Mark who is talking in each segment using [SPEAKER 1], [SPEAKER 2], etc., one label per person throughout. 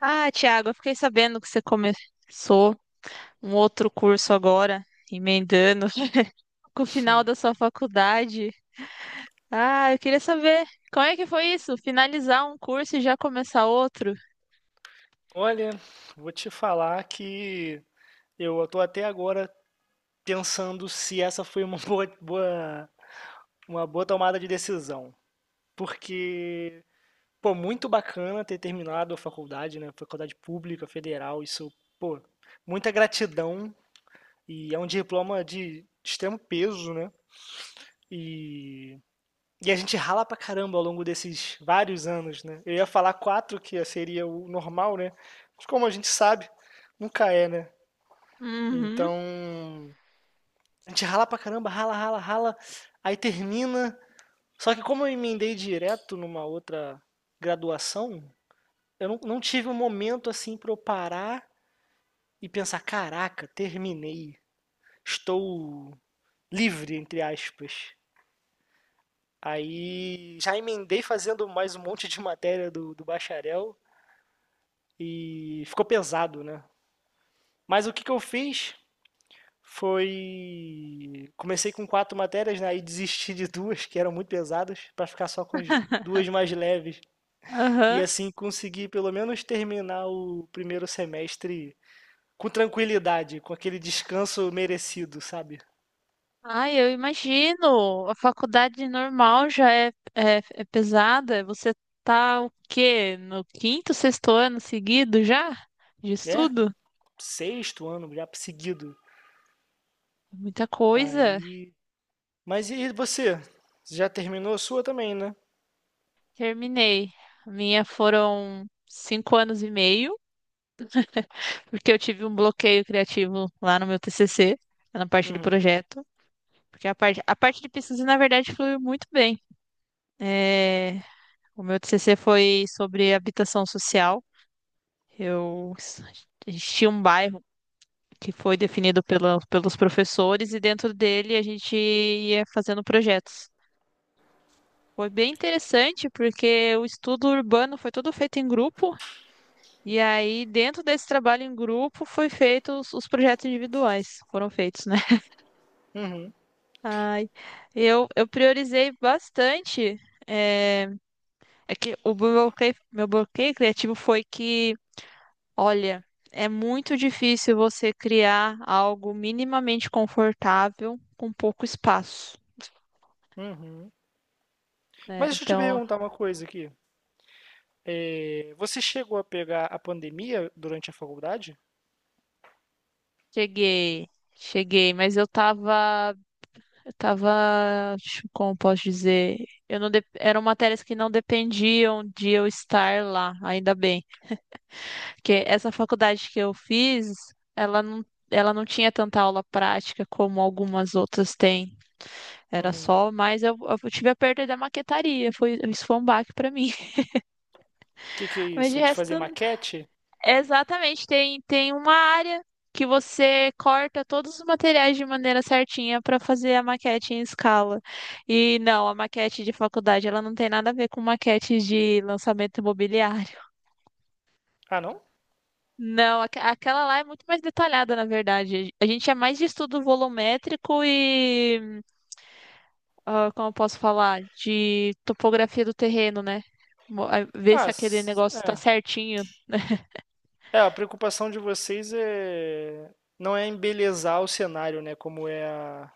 [SPEAKER 1] Ah, Thiago, eu fiquei sabendo que você começou um outro curso agora, emendando com o final
[SPEAKER 2] Hum,
[SPEAKER 1] da sua faculdade. Ah, eu queria saber como é que foi isso? Finalizar um curso e já começar outro?
[SPEAKER 2] Olha, vou te falar que eu estou até agora pensando se essa foi uma uma boa tomada de decisão. Porque, pô, muito bacana ter terminado a faculdade, né? Faculdade pública, federal, isso, pô, muita gratidão e é um diploma de extremo peso, né? E, e a gente rala pra caramba ao longo desses vários anos, né? Eu ia falar quatro, que seria o normal, né? Mas como a gente sabe, nunca é, né?
[SPEAKER 1] Uhum,
[SPEAKER 2] Então, a gente rala pra caramba, rala, rala, rala, aí termina. Só que como eu emendei direto numa outra graduação, eu não tive um momento assim pra eu parar e pensar, caraca, terminei, estou livre, entre aspas. Aí já emendei fazendo mais um monte de matéria do bacharel e ficou pesado, né? Mas o que, que eu fiz? Foi. Comecei com quatro matérias, né? E desisti de duas que eram muito pesadas para ficar só com as duas mais leves. E
[SPEAKER 1] aham.
[SPEAKER 2] assim consegui pelo menos terminar o primeiro semestre com tranquilidade, com aquele descanso merecido, sabe?
[SPEAKER 1] Ai, eu imagino. A faculdade normal já é pesada. Você tá o quê? No quinto, sexto ano seguido já de
[SPEAKER 2] É,
[SPEAKER 1] estudo?
[SPEAKER 2] sexto ano já seguido.
[SPEAKER 1] Muita coisa.
[SPEAKER 2] Aí. Mas e você? Você já terminou a sua também, né?
[SPEAKER 1] Terminei. A minha foram 5 anos e meio. Porque eu tive um bloqueio criativo lá no meu TCC, na parte de
[SPEAKER 2] Uhum,
[SPEAKER 1] projeto. Porque a parte de pesquisa, na verdade, foi muito bem. É, o meu TCC foi sobre habitação social. Eu a gente tinha um bairro que foi definido pelos professores e dentro dele a gente ia fazendo projetos. Foi bem interessante porque o estudo urbano foi todo feito em grupo e aí dentro desse trabalho em grupo foi feito os projetos individuais, foram feitos, né?
[SPEAKER 2] uhum,
[SPEAKER 1] Ai, eu priorizei bastante. É, é que meu bloqueio criativo foi que, olha, é muito difícil você criar algo minimamente confortável com pouco espaço,
[SPEAKER 2] uhum.
[SPEAKER 1] né?
[SPEAKER 2] Mas deixa eu te
[SPEAKER 1] Então,
[SPEAKER 2] perguntar uma coisa aqui. É, você chegou a pegar a pandemia durante a faculdade?
[SPEAKER 1] cheguei, cheguei, mas eu tava, como posso dizer, eu não, dep- eram matérias que não dependiam de eu estar lá, ainda bem. Porque essa faculdade que eu fiz, ela não tinha tanta aula prática como algumas outras têm. Era
[SPEAKER 2] Uhum.
[SPEAKER 1] só, mas eu tive a perda da maquetaria. Isso foi um baque para mim.
[SPEAKER 2] Que é
[SPEAKER 1] Mas de
[SPEAKER 2] isso? De
[SPEAKER 1] resto,
[SPEAKER 2] fazer maquete?
[SPEAKER 1] exatamente, tem uma área que você corta todos os materiais de maneira certinha para fazer a maquete em escala. E não, a maquete de faculdade, ela não tem nada a ver com maquete de lançamento imobiliário.
[SPEAKER 2] Ah, não?
[SPEAKER 1] Não, aquela lá é muito mais detalhada, na verdade. A gente é mais de estudo volumétrico e, como eu posso falar, de topografia do terreno, né? Ver
[SPEAKER 2] Ah,
[SPEAKER 1] se aquele negócio está
[SPEAKER 2] é.
[SPEAKER 1] certinho.
[SPEAKER 2] É, a preocupação de vocês é não é embelezar o cenário, né? Como é a...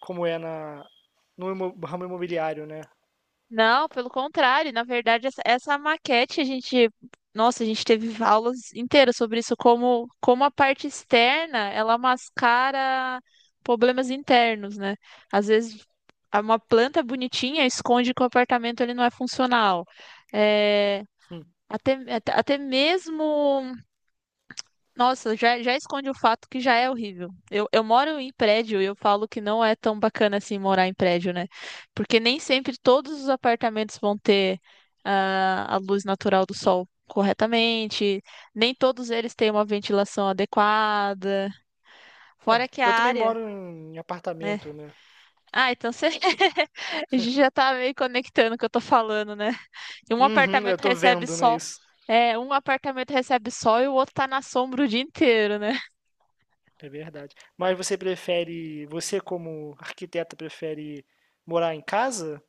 [SPEAKER 2] como é na no imo- ramo imobiliário, né?
[SPEAKER 1] Não, pelo contrário, na verdade, essa maquete a gente, nossa, a gente teve aulas inteiras sobre isso, como a parte externa, ela mascara problemas internos, né? Às vezes uma planta bonitinha esconde que o apartamento ele não é funcional. É,
[SPEAKER 2] Hum.
[SPEAKER 1] até mesmo nossa, já esconde o fato que já é horrível. Eu moro em prédio e eu falo que não é tão bacana assim morar em prédio, né? Porque nem sempre todos os apartamentos vão ter a luz natural do sol corretamente, nem todos eles têm uma ventilação adequada,
[SPEAKER 2] É.
[SPEAKER 1] fora que a
[SPEAKER 2] Eu também
[SPEAKER 1] área,
[SPEAKER 2] moro em
[SPEAKER 1] né?
[SPEAKER 2] apartamento, né?
[SPEAKER 1] Ah, então você a gente já tá meio conectando o que eu tô falando, né? E um
[SPEAKER 2] Uhum, eu
[SPEAKER 1] apartamento
[SPEAKER 2] tô
[SPEAKER 1] recebe
[SPEAKER 2] vendo, né,
[SPEAKER 1] sol,
[SPEAKER 2] isso.
[SPEAKER 1] é, um apartamento recebe sol e o outro tá na sombra o dia inteiro, né?
[SPEAKER 2] É verdade. Mas você prefere, você como arquiteta prefere morar em casa?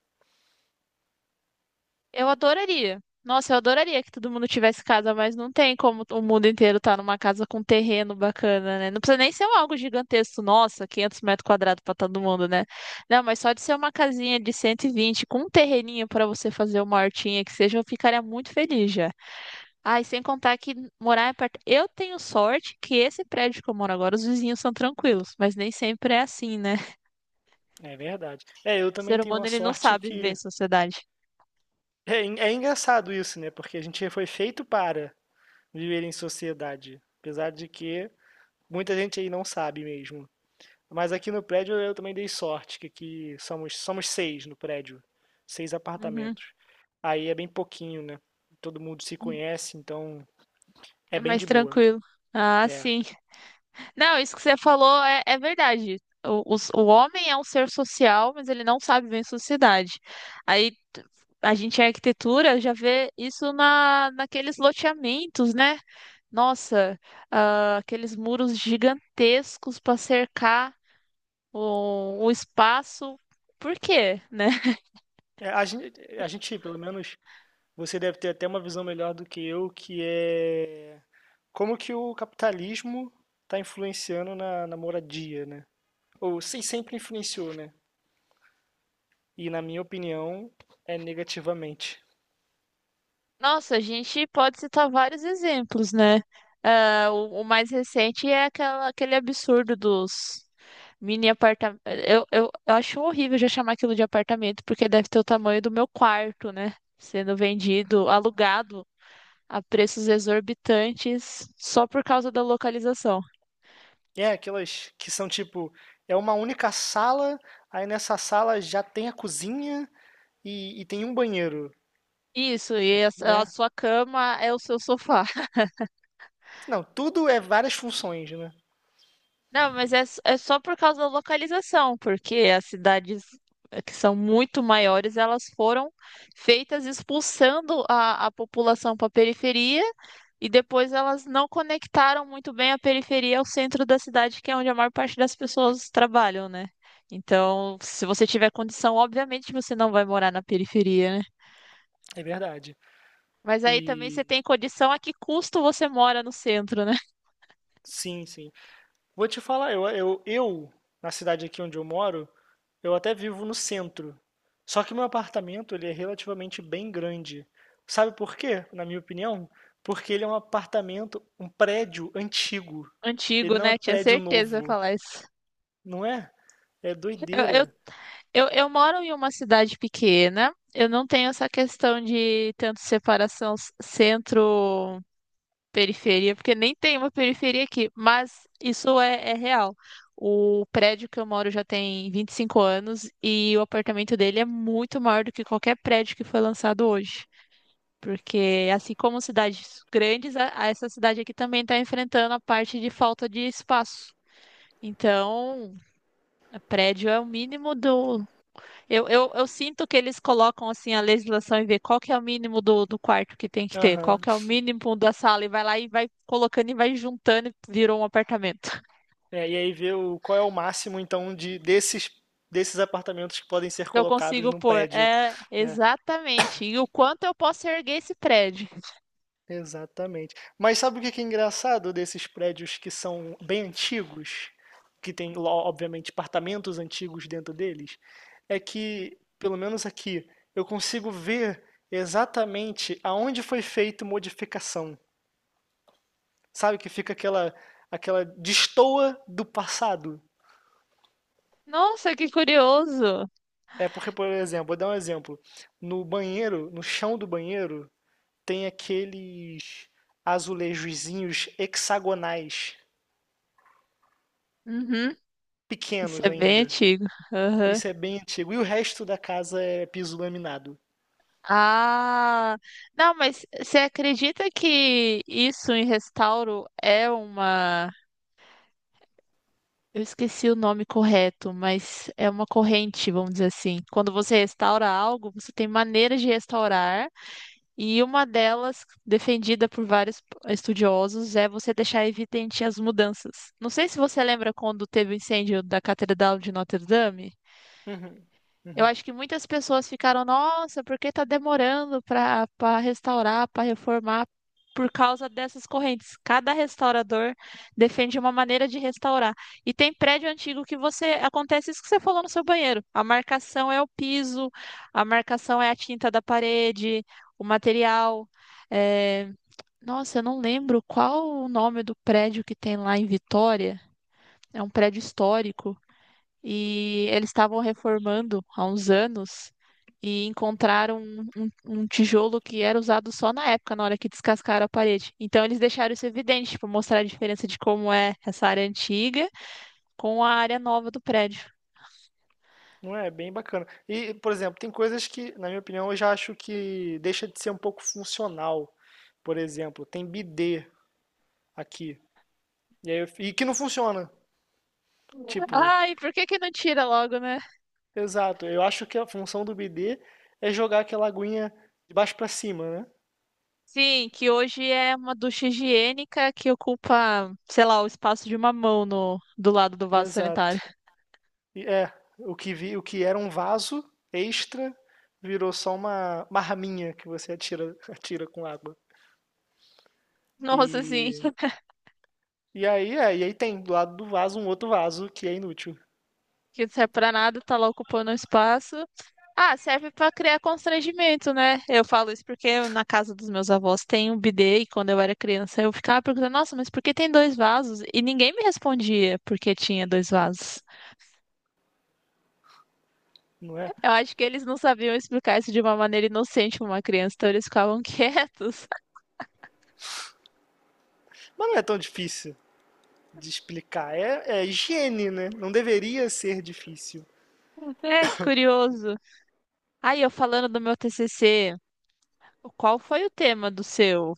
[SPEAKER 1] Eu adoraria. Nossa, eu adoraria que todo mundo tivesse casa, mas não tem como o mundo inteiro estar numa casa com terreno bacana, né? Não precisa nem ser um algo gigantesco, nossa, 500 metros quadrados para todo mundo, né? Não, mas só de ser uma casinha de 120 com um terreninho para você fazer uma hortinha que seja, eu ficaria muito feliz já. Ah, e sem contar que morar em apart... Eu tenho sorte que esse prédio que eu moro agora, os vizinhos são tranquilos, mas nem sempre é assim, né?
[SPEAKER 2] É verdade. É, eu
[SPEAKER 1] O
[SPEAKER 2] também
[SPEAKER 1] ser
[SPEAKER 2] tenho
[SPEAKER 1] humano,
[SPEAKER 2] uma
[SPEAKER 1] ele não
[SPEAKER 2] sorte
[SPEAKER 1] sabe viver em
[SPEAKER 2] que.
[SPEAKER 1] sociedade.
[SPEAKER 2] É, é engraçado isso, né? Porque a gente foi feito para viver em sociedade, apesar de que muita gente aí não sabe mesmo. Mas aqui no prédio eu também dei sorte, que aqui somos, somos seis no prédio, seis
[SPEAKER 1] Uhum.
[SPEAKER 2] apartamentos. Aí é bem pouquinho, né? Todo mundo se conhece, então é
[SPEAKER 1] É
[SPEAKER 2] bem
[SPEAKER 1] mais
[SPEAKER 2] de boa.
[SPEAKER 1] tranquilo. Ah,
[SPEAKER 2] É.
[SPEAKER 1] sim. Não, isso que você falou é verdade. O homem é um ser social, mas ele não sabe viver em sociedade. Aí t- a gente em arquitetura já vê isso naqueles loteamentos, né? Nossa, aqueles muros gigantescos para cercar o espaço. Por quê, né?
[SPEAKER 2] É, a gente, pelo menos, você deve ter até uma visão melhor do que eu, que é como que o capitalismo está influenciando na moradia, né? Ou sim, sempre influenciou, né? E na minha opinião, é negativamente.
[SPEAKER 1] Nossa, a gente pode citar vários exemplos, né? Ah, o mais recente é aquele absurdo dos mini apartamentos. Eu acho horrível já chamar aquilo de apartamento, porque deve ter o tamanho do meu quarto, né? Sendo vendido, alugado a preços exorbitantes só por causa da localização.
[SPEAKER 2] É aquelas que são tipo, é uma única sala, aí nessa sala já tem a cozinha e tem um banheiro,
[SPEAKER 1] Isso, e a
[SPEAKER 2] né?
[SPEAKER 1] sua cama é o seu sofá.
[SPEAKER 2] Não, tudo é várias funções, né?
[SPEAKER 1] Não, mas é só por causa da localização, porque as cidades que são muito maiores, elas foram feitas expulsando a população para a periferia e depois elas não conectaram muito bem a periferia ao centro da cidade, que é onde a maior parte das pessoas trabalham, né? Então, se você tiver condição, obviamente você não vai morar na periferia, né?
[SPEAKER 2] É verdade.
[SPEAKER 1] Mas aí também você
[SPEAKER 2] E
[SPEAKER 1] tem condição a que custo você mora no centro, né?
[SPEAKER 2] sim, sim. Vou te falar, eu, na cidade aqui onde eu moro, eu até vivo no centro. Só que meu apartamento, ele é relativamente bem grande. Sabe por quê? Na minha opinião, porque ele é um apartamento, um prédio antigo. Ele
[SPEAKER 1] Antigo,
[SPEAKER 2] não é
[SPEAKER 1] né? Tinha
[SPEAKER 2] prédio
[SPEAKER 1] certeza de
[SPEAKER 2] novo,
[SPEAKER 1] falar isso.
[SPEAKER 2] não é? É
[SPEAKER 1] Eu, eu
[SPEAKER 2] doideira.
[SPEAKER 1] eu moro em uma cidade pequena, eu não tenho essa questão de tanto separação centro-periferia, porque nem tem uma periferia aqui, mas isso é real. O prédio que eu moro já tem 25 anos e o apartamento dele é muito maior do que qualquer prédio que foi lançado hoje. Porque, assim como cidades grandes, a essa cidade aqui também está enfrentando a parte de falta de espaço. Então, prédio é o mínimo do eu sinto que eles colocam assim a legislação e vê qual que é o mínimo do quarto que tem que ter, qual
[SPEAKER 2] Aham.
[SPEAKER 1] que é o mínimo da sala, e vai lá e vai colocando e vai juntando e virou um apartamento.
[SPEAKER 2] É, e aí ver o, qual é o máximo, então, de desses apartamentos que podem ser
[SPEAKER 1] Eu
[SPEAKER 2] colocados
[SPEAKER 1] consigo
[SPEAKER 2] num
[SPEAKER 1] pôr.
[SPEAKER 2] prédio.
[SPEAKER 1] É,
[SPEAKER 2] É.
[SPEAKER 1] exatamente. E o quanto eu posso erguer esse prédio?
[SPEAKER 2] Exatamente. Mas sabe o que que é engraçado desses prédios que são bem antigos, que tem, obviamente, apartamentos antigos dentro deles? É que, pelo menos aqui, eu consigo ver exatamente aonde foi feita modificação. Sabe que fica aquela destoa do passado.
[SPEAKER 1] Nossa, que curioso.
[SPEAKER 2] É porque, por exemplo, vou dar um exemplo. No banheiro, no chão do banheiro, tem aqueles azulejozinhos hexagonais,
[SPEAKER 1] Uhum. Isso
[SPEAKER 2] pequenos
[SPEAKER 1] é bem
[SPEAKER 2] ainda.
[SPEAKER 1] antigo. Aham.
[SPEAKER 2] Isso é bem antigo. E o resto da casa é piso laminado.
[SPEAKER 1] Ah, não, mas você acredita que isso em restauro é uma Eu esqueci o nome correto, mas é uma corrente, vamos dizer assim. Quando você restaura algo, você tem maneiras de restaurar, e uma delas, defendida por vários estudiosos, é você deixar evidente as mudanças. Não sei se você lembra quando teve o incêndio da Catedral de Notre Dame.
[SPEAKER 2] Uhum,
[SPEAKER 1] Eu
[SPEAKER 2] uhum.
[SPEAKER 1] acho que muitas pessoas ficaram, nossa, por que tá demorando para restaurar, para reformar, por causa dessas correntes. Cada restaurador defende uma maneira de restaurar. E tem prédio antigo que você acontece isso que você falou no seu banheiro. A marcação é o piso, a marcação é a tinta da parede, o material. é, Nossa, eu não lembro qual o nome do prédio que tem lá em Vitória. É um prédio histórico e eles estavam reformando há uns anos e encontraram um tijolo que era usado só na época, na hora que descascaram a parede. Então eles deixaram isso evidente, para mostrar a diferença de como é essa área antiga com a área nova do prédio.
[SPEAKER 2] Não é? É bem bacana. E, por exemplo, tem coisas que, na minha opinião, eu já acho que deixa de ser um pouco funcional. Por exemplo, tem bidê aqui. E, aí eu e que não funciona. Tipo,
[SPEAKER 1] Ai, por que que não tira logo, né?
[SPEAKER 2] exato. Eu acho que a função do bidê é jogar aquela aguinha de baixo pra cima, né?
[SPEAKER 1] Sim, que hoje é uma ducha higiênica que ocupa, sei lá, o espaço de uma mão no, do lado do vaso
[SPEAKER 2] Exato.
[SPEAKER 1] sanitário.
[SPEAKER 2] E é, o que vi, o que era um vaso extra virou só uma raminha que você atira, atira com água.
[SPEAKER 1] Nossa, sim,
[SPEAKER 2] E, e aí, é, e aí tem do lado do vaso um outro vaso que é inútil,
[SPEAKER 1] que não serve pra nada, tá lá ocupando o espaço. Ah, serve para criar constrangimento, né? Eu falo isso porque na casa dos meus avós tem um bidê e quando eu era criança eu ficava perguntando, nossa, mas por que tem dois vasos? E ninguém me respondia porque tinha dois vasos.
[SPEAKER 2] não é?
[SPEAKER 1] Eu acho que eles não sabiam explicar isso de uma maneira inocente para uma criança, então eles ficavam quietos.
[SPEAKER 2] Mas não é tão difícil de explicar. É, é higiene, né? Não deveria ser difícil.
[SPEAKER 1] É, que curioso. Aí eu falando do meu TCC, qual foi o tema do seu?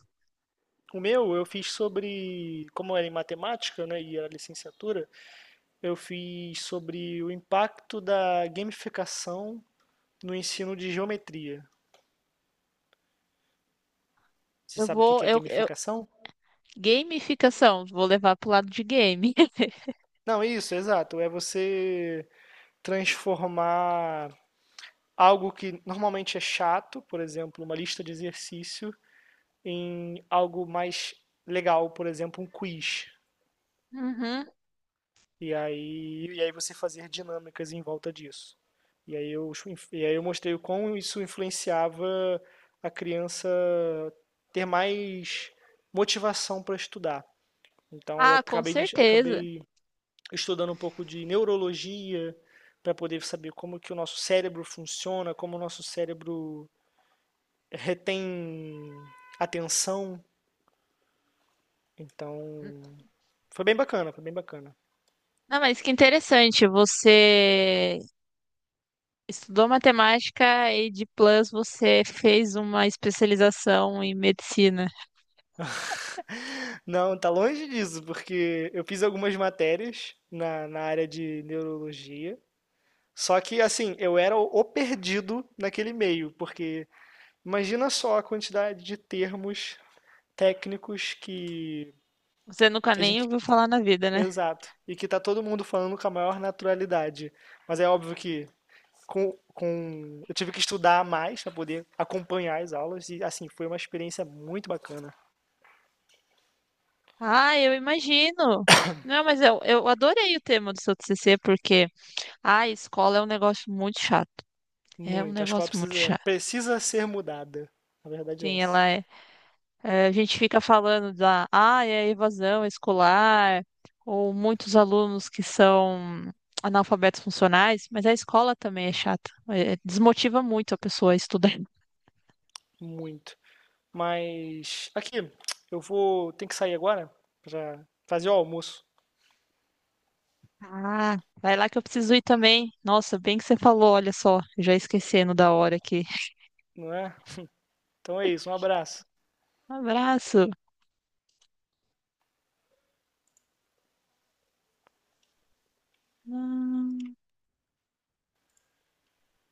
[SPEAKER 2] O meu eu fiz sobre, como era em matemática, né, e era licenciatura, eu fiz sobre o impacto da gamificação no ensino de geometria. Você
[SPEAKER 1] Eu
[SPEAKER 2] sabe o que
[SPEAKER 1] vou,
[SPEAKER 2] que é
[SPEAKER 1] eu,
[SPEAKER 2] gamificação?
[SPEAKER 1] Gamificação, vou levar pro lado de game.
[SPEAKER 2] Não, isso, exato. É você transformar algo que normalmente é chato, por exemplo, uma lista de exercício, em algo mais legal, por exemplo, um quiz.
[SPEAKER 1] Uhum.
[SPEAKER 2] E aí você fazer dinâmicas em volta disso. E aí eu, e aí eu mostrei o como isso influenciava a criança ter mais motivação para estudar. Então eu
[SPEAKER 1] Ah, com
[SPEAKER 2] acabei, de-
[SPEAKER 1] certeza.
[SPEAKER 2] acabei estudando um pouco de neurologia para poder saber como que o nosso cérebro funciona, como o nosso cérebro retém atenção. Então, foi bem bacana, foi bem bacana.
[SPEAKER 1] Não, mas que interessante, você estudou matemática e de plus você fez uma especialização em medicina.
[SPEAKER 2] Não, tá longe disso, porque eu fiz algumas matérias na área de neurologia. Só que, assim, eu era o perdido naquele meio, porque imagina só a quantidade de termos técnicos
[SPEAKER 1] Você nunca
[SPEAKER 2] que a
[SPEAKER 1] nem
[SPEAKER 2] gente.
[SPEAKER 1] ouviu falar na vida, né?
[SPEAKER 2] Exato. E que tá todo mundo falando com a maior naturalidade. Mas é óbvio que eu tive que estudar mais para poder acompanhar as aulas e, assim, foi uma experiência muito bacana.
[SPEAKER 1] Ah, eu imagino. Não, mas eu adorei o tema do seu TCC porque a escola é um negócio muito chato. É um
[SPEAKER 2] Muito. A escola
[SPEAKER 1] negócio muito
[SPEAKER 2] precisa,
[SPEAKER 1] chato.
[SPEAKER 2] precisa ser mudada. Na verdade é
[SPEAKER 1] Sim,
[SPEAKER 2] essa.
[SPEAKER 1] ela é a gente fica falando da é evasão escolar, ou muitos alunos que são analfabetos funcionais, mas a escola também é chata. Desmotiva muito a pessoa a estudar.
[SPEAKER 2] Muito. Mas aqui, tem que sair agora para fazer o almoço,
[SPEAKER 1] Ah, vai lá que eu preciso ir também. Nossa, bem que você falou, olha só, já esquecendo da hora aqui.
[SPEAKER 2] não é? Então é isso, um abraço.
[SPEAKER 1] Um abraço.